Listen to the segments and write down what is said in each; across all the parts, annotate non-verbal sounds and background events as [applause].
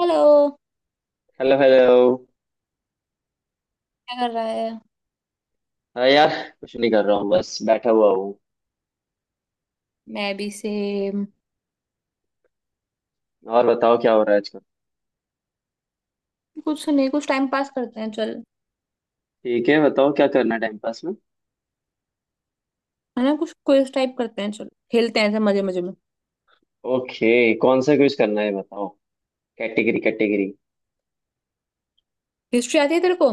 Hello. Hello hello. क्या कर रहा है। हाँ यार, कुछ नहीं कर रहा हूँ, बस बैठा हुआ हूँ। मैं भी सेम। और बताओ क्या हो रहा है आजकल? कुछ तो नहीं, कुछ टाइम पास करते हैं चल। ठीक है, बताओ क्या करना है टाइम पास में। है ना, कुछ क्विज टाइप करते हैं, चल खेलते हैं ऐसे मजे मजे में। ओके। कौन सा क्विज करना है बताओ? Category category. हिस्ट्री आती है तेरे को?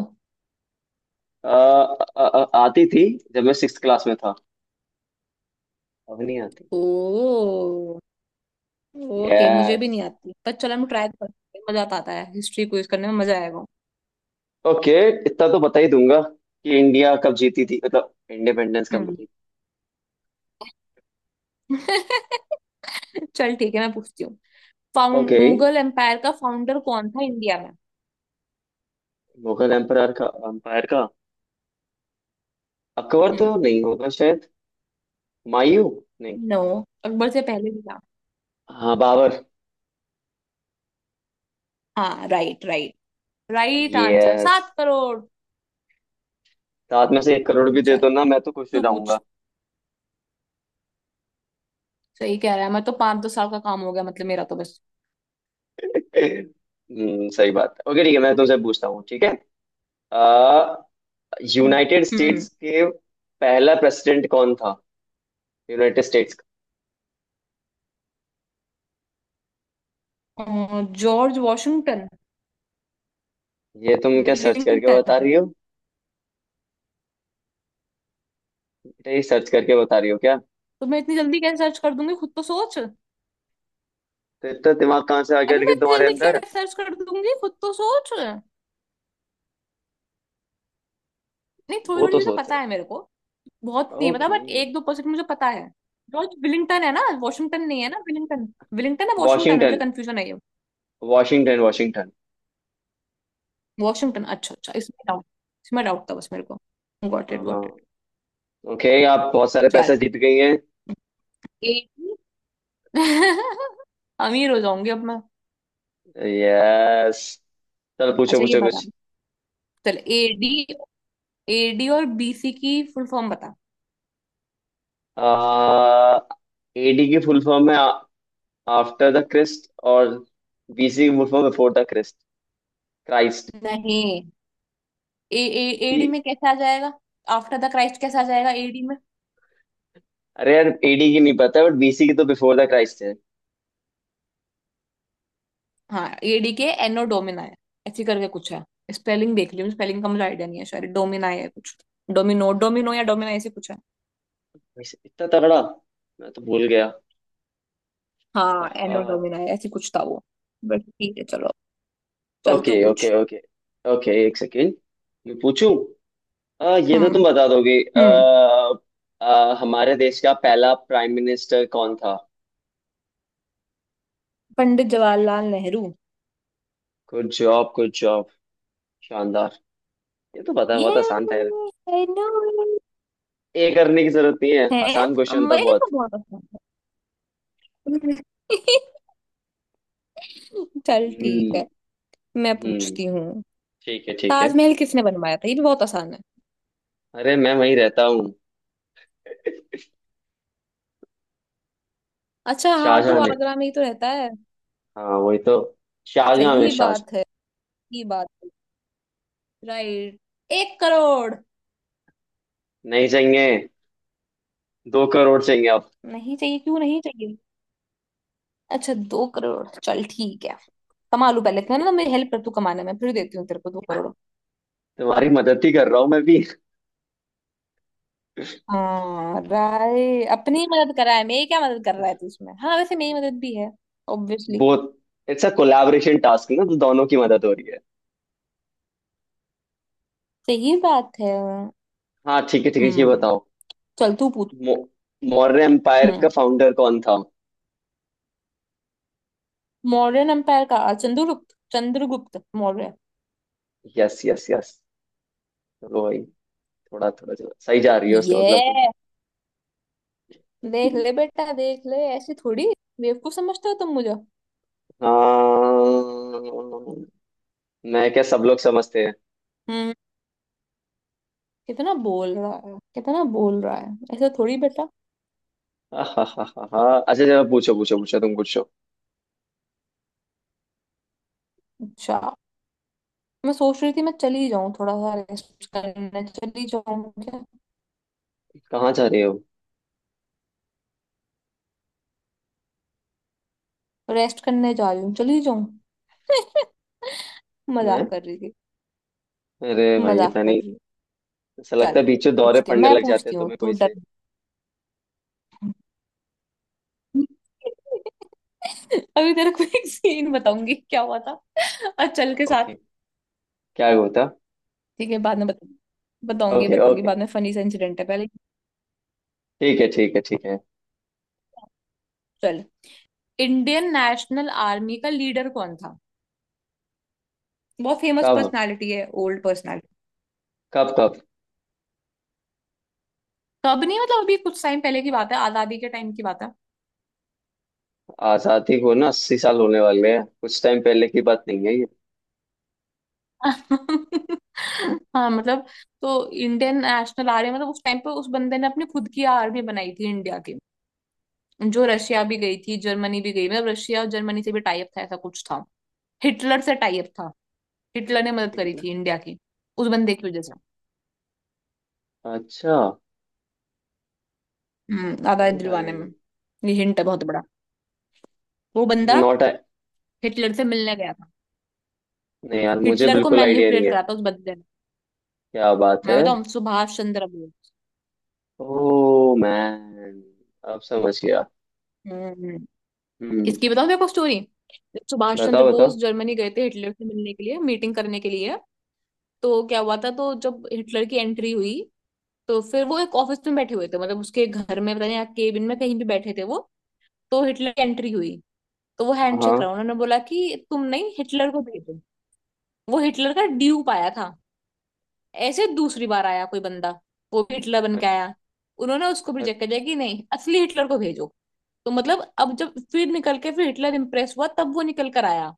आ, आ, आ, आती थी जब मैं 6 क्लास में था। अब नहीं आती। ओ। ओके, मुझे यस। भी नहीं आती पर चल हम ट्राई करते हैं, मजा तो आता है हिस्ट्री क्विज करने में, मजा आएगा। ओके। इतना तो बता ही दूंगा कि इंडिया कब जीती थी, मतलब इंडिपेंडेंस कब हम्म। मिली। [laughs] चल ठीक है, मैं पूछती हूँ। Found okay. मुगल एम्पायर का फाउंडर कौन था इंडिया में? मुगल एम्पायर का अकबर तो हम्म। नहीं होगा शायद। हुमायूं। नहीं। नो। अकबर से पहले भी था। हाँ बाबर। हाँ, right right. Right answer, yes. 7 crore. साथ में से 1 करोड़ भी दे दो चल, ना, मैं तो खुश हो तू पूछ। जाऊंगा। सही कह रहा है, मैं तो पांच दो साल का काम हो गया मतलब, मेरा तो बस। सही बात है। ओके ठीक है, मैं तुमसे पूछता हूँ। ठीक है। अ, यूनाइटेड हम्म। स्टेट्स के पहला प्रेसिडेंट कौन था? यूनाइटेड स्टेट्स का। George Washington. ये तुम क्या सर्च करके बता विलिंगटन। रही हो? बेटा ये सर्च करके बता रही हो क्या? तो मैं इतनी जल्दी कैसे सर्च कर दूंगी, खुद तो सोच। तो इतना दिमाग कहाँ से आ गया अभी मैं लेकिन इतनी तुम्हारे जल्दी अंदर? कैसे सर्च कर दूंगी, खुद तो सोच। नहीं, थोड़ी वो थोड़ी तो चीजें सोच पता रहा। है मेरे को। बहुत नहीं पता ओके। बट 1-2% मुझे पता है। जॉर्ज विलिंगटन है ना, वॉशिंगटन नहीं है ना, विलिंगटन। विलिंगटन है, वॉशिंगटन है, मुझे वॉशिंगटन कंफ्यूजन है ये। Washington Washington. वॉशिंगटन, अच्छा अच्छा, इसमें डाउट। इसमें डाउट था बस मेरे को। गॉट हाँ इट, हाँ। Got it. ओके, आप बहुत सारे चल। पैसे जीत गई हैं। एक- [laughs] अमीर हो जाऊंगी अब। यस। चलो पूछो अच्छा ये पूछो बता। कुछ। चल, एडी। एडी और बीसी की फुल फॉर्म बता। एडी की फुल फॉर्म है आफ्टर द क्रिस्ट, और बीसी की full form before the Christ. Christ. नहीं। ए ए, एडी में कैसे आ जाएगा? आफ्टर द क्राइस्ट कैसे आ जाएगा एडी में? अरे यार, एडी की नहीं पता, बट बीसी की तो बिफोर द क्राइस्ट है। हाँ, एडी के एनो डोमिना है, ऐसी करके कुछ है। स्पेलिंग देख लियो, स्पेलिंग का मुझे आइडिया नहीं है, शायद डोमिना है कुछ। डोमिनो डोमिनो या डोमिना, ऐसे कुछ है। वैसे इतना तगड़ा, मैं तो भूल गया। हाँ, एनो हाँ। डोमिना है ऐसी, कुछ था वो। बट ठीक है चलो। चल तू ओके पूछ। Okay okay. ओके एक सेकेंड। मैं पूछूं। ये तो हम्म तुम बता दोगे। हम्म। आ, आ, हमारे देश का पहला प्राइम मिनिस्टर कौन था? Pandit Jawaharlal Nehru. Good job good job. शानदार। ये तो पता, ये। बहुत आसान था। I know. ए करने की जरूरत नहीं है, है आसान अब, क्वेश्चन था मैं बहुत। तो बहुत अच्छा। [laughs] चल ठीक हम्म है, मैं हम्म। पूछती हूँ। ठीक है ठीक है। ताजमहल किसने बनवाया था, ये भी बहुत आसान है। अरे मैं वहीं रहता हूँ। अच्छा हाँ, तू शाहजहां ने। आगरा में ही तो रहता है। हाँ वही तो। शाहजहां में सही शाहजहां। बात है। सही बात है। राइट। 1 करोड़। नहीं चाहिए। 2 करोड़ चाहिए अब। नहीं चाहिए? क्यों नहीं चाहिए? अच्छा, 2 करोड़, चल ठीक है। कमा लूं पहले इतना ना, मेरी हेल्प कर तू कमाने में, फिर देती हूँ तेरे को 2 करोड़। तुम्हारी मदद ही कर रहा हूँ मैं भी। हाँ राय, अपनी मदद करा है, मेरी क्या मदद कर रहा है तू उसमें? हाँ वैसे, मेरी मदद भी है ऑब्वियसली। बहुत। इट्स अ कोलैबोरेशन टास्क ना, तो दोनों की मदद हो रही है। सही बात है। हाँ ठीक है ठीक है, ये हम्म। बताओ। चल तू पूछ। मौ, मौर्य एम्पायर का हम्म। फाउंडर कौन था? मौर्यन एम्पायर का Chandragupta Chandragupta Maurya. Yes yes yes. वही। थोड़ा थोड़ा चलो, सही जा रही है उसका मतलब। ये। देख तुम। ले बेटा, देख ले, ऐसे थोड़ी। बेवकूफ समझते हो तुम मुझे? हाँ, मैं क्या, सब लोग समझते हैं। हम्म। कितना बोल रहा है, कितना बोल रहा है, ऐसे थोड़ी बेटा। हाँ हाँ हाँ हाँ हाँ। अच्छा, चलो पूछो पूछो पूछो, तुम पूछो। अच्छा, मैं सोच रही थी मैं चली जाऊं, थोड़ा सा रेस्ट करने चली जाऊं क्या? कहाँ जा रहे हो? रेस्ट करने जा रही हूँ, चली जाऊं। [laughs] मैं। मजाक कर रही थी। अरे भाई, मजाक इतना कर नहीं। रही हूँ। ऐसा लगता चल। है बीच में दौरे पूछती हूँ पड़ने मैं लग जाते पूछती हैं हूँ, तुम्हें, तू कोई से। डर। [laughs] अभी तेरे को एक सीन बताऊंगी क्या हुआ था और चल के साथ। ओके। क्या होता। ठीक है, बाद में बताऊंगी। बताऊंगी ओके बताऊंगी ओके। बाद में, फनी सा इंसिडेंट है पहले। ठीक है ठीक है ठीक है। चल। इंडियन नेशनल आर्मी का लीडर कौन था? बहुत फेमस कब पर्सनालिटी है, ओल्ड पर्सनालिटी। कब कब? तब नहीं मतलब, अभी कुछ टाइम पहले की बात है, आजादी के टाइम की बात है। आजादी को ना 80 साल होने वाले हैं, कुछ टाइम पहले की बात नहीं है ये। [laughs] हाँ मतलब। तो इंडियन नेशनल आर्मी मतलब उस टाइम पे, उस बंदे ने अपनी खुद की आर्मी बनाई थी इंडिया की। जो रशिया भी गई थी, जर्मनी भी गई, मतलब रशिया और जर्मनी से भी टाई अप था, ऐसा कुछ था। हिटलर से टाई अप था। हिटलर ने मदद ठीक करी है ना। थी इंडिया की, उस बंदे की वजह से। अच्छा। हम्म। आज़ादी अरे भाई। दिलवाने में। ये हिंट है बहुत बड़ा। वो बंदा नॉट। हिटलर से मिलने गया था। नहीं यार, मुझे हिटलर को बिल्कुल आइडिया नहीं मैनिपुलेट है। करा था उस बंदे ने। क्या बात मैं है। बताऊं, सुभाष चंद्र बोस। ओह मैन, अब समझ गया। हम्म। हम्म। इसकी बताऊं देखो स्टोरी। सुभाष चंद्र बताओ बोस बताओ। जर्मनी गए थे हिटलर से मिलने के लिए, मीटिंग करने के लिए। तो क्या हुआ था, तो जब हिटलर की एंट्री हुई, तो फिर वो एक ऑफिस में बैठे हुए थे, मतलब उसके घर में पता नहीं, केबिन में, कहीं भी बैठे थे वो। तो हिटलर की एंट्री हुई, तो वो हैंडशेक हाँ रहा, उन्होंने बोला कि तुम नहीं, हिटलर को भेजो। वो हिटलर का ड्यूप आया था। ऐसे दूसरी बार आया कोई बंदा, वो भी हिटलर बन के आया। उन्होंने उसको भी हाँ रिजेक्ट कर दिया कि नहीं, असली हिटलर को भेजो। तो मतलब अब जब फिर निकल के, फिर हिटलर इम्प्रेस हुआ, तब वो निकल कर आया।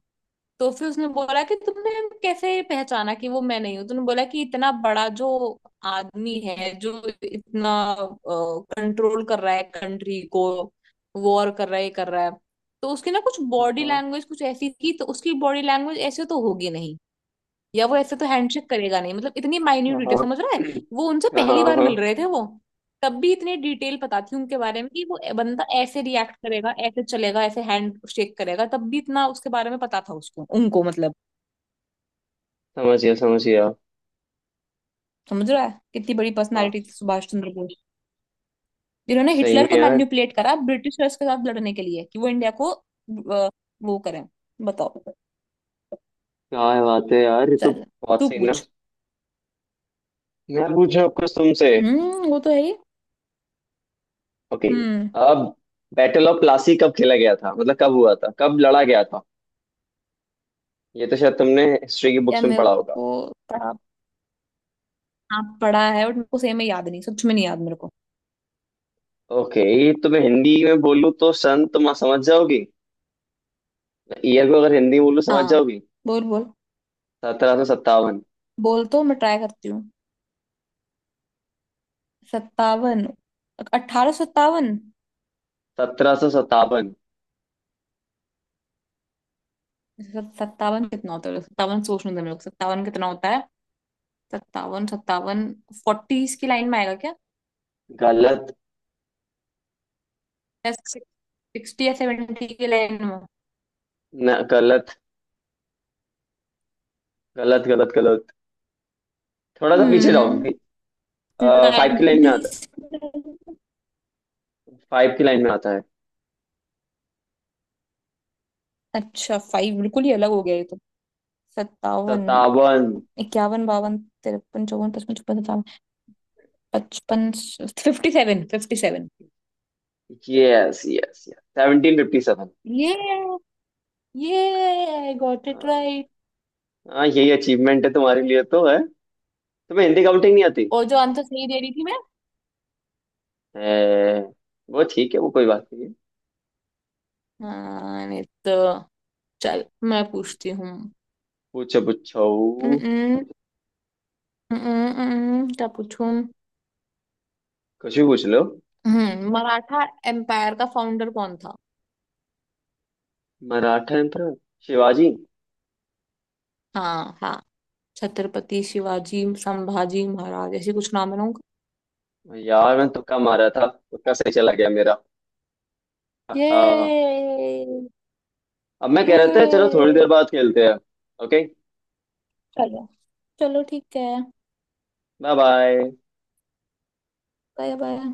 तो फिर उसने बोला कि तुमने कैसे पहचाना कि वो मैं नहीं हूँ? तूने बोला कि इतना बड़ा जो आदमी है, जो इतना कंट्रोल कर रहा है कंट्री को, वॉर कर रहा है, ये कर रहा है, तो उसकी ना कुछ हाँ बॉडी हाँ लैंग्वेज कुछ ऐसी थी, तो उसकी बॉडी लैंग्वेज ऐसे तो होगी नहीं, या वो ऐसे तो हैंडशेक करेगा नहीं, मतलब इतनी माइन्यूट डिटेल हाँ समझ रहा है। वो उनसे हाँ पहली हाँ बार हाँ, मिल रहे थे वो। तब भी इतनी डिटेल पता थी उनके बारे में कि वो बंदा ऐसे रिएक्ट करेगा, ऐसे चलेगा, ऐसे हैंड शेक करेगा, तब भी इतना उसके बारे में पता था उसको, उनको मतलब। समझ गया समझ गया। समझ रहा है कितनी बड़ी हाँ। पर्सनालिटी थी सुभाष चंद्र बोस, जिन्होंने सही में हिटलर को यार। मैनिपुलेट करा ब्रिटिशर्स के साथ लड़ने के लिए कि वो इंडिया को वो करें। बताओ। क्या बात है यार, ये तो चल बहुत तू सही ना। पूछ। मैं पूछूं अब कुछ तुमसे। हम्म, वो तो है ही। ओके। हम्म। अब बैटल ऑफ प्लासी कब खेला गया था, मतलब कब हुआ था, कब लड़ा गया था? ये तो शायद तुमने हिस्ट्री की या बुक्स में मेरे पढ़ा होगा। को। हाँ पढ़ा है बट मेरे को सेम में याद नहीं, सच में नहीं याद मेरे को। ओके तो मैं हिंदी में बोलूँ तो सन तुम समझ जाओगी? ईयर को अगर हिंदी में बोलूँ, समझ हाँ, जाओगी? बोल बोल। 1757। बोल तो मैं ट्राई करती हूँ। सत्तावन। 1857। 1757। सत्तावन कितना होता है, सत्तावन सोचने दो मेरे को, सत्तावन कितना होता है। सत्तावन सत्तावन। फोर्टीज की लाइन में आएगा क्या? गलत। सिक्सटी या सेवेंटी की लाइन में? न गलत गलत गलत। गलत, थोड़ा सा पीछे जाओ। हम्म। फाइव की लाइन में आता है। 90s? 5 की लाइन में आता है। अच्छा, फाइव बिल्कुल ही अलग हो गया ये तो। सत्तावन, सत्तावन। इक्यावन, बावन, तिरपन, चौवन, पचपन, छप्पन, पचपन। 57, 57। Yes yes yes, 1757। ये ये आई गॉट इट राइट। हाँ, यही अचीवमेंट है तुम्हारे लिए तो है। तुम्हें हिंदी काउंटिंग नहीं आती और जो आंसर सही दे रही थी मैं? है। वो ठीक है, वो कोई बात नहीं है। हाँ, नहीं तो। चल। मैं पूछती हूँ। पूछो पूछो, Mm-mm, mm-mm, क्या पूछूं? कुछ भी पूछ लो। हम्म। मराठा एम्पायर का फाउंडर कौन था? मराठा एम्परर शिवाजी। हाँ हाँ। छत्रपति शिवाजी, संभाजी महाराज, ऐसे कुछ नाम है ना उनका। यार मैं तुक्का मारा था, तुक्का सही चला गया मेरा। ये अब मैं कह रहा था, चलो थोड़ी देर ये। बाद खेलते हैं। ओके। चलो, चलो ठीक है। Bye bye. Bye bye.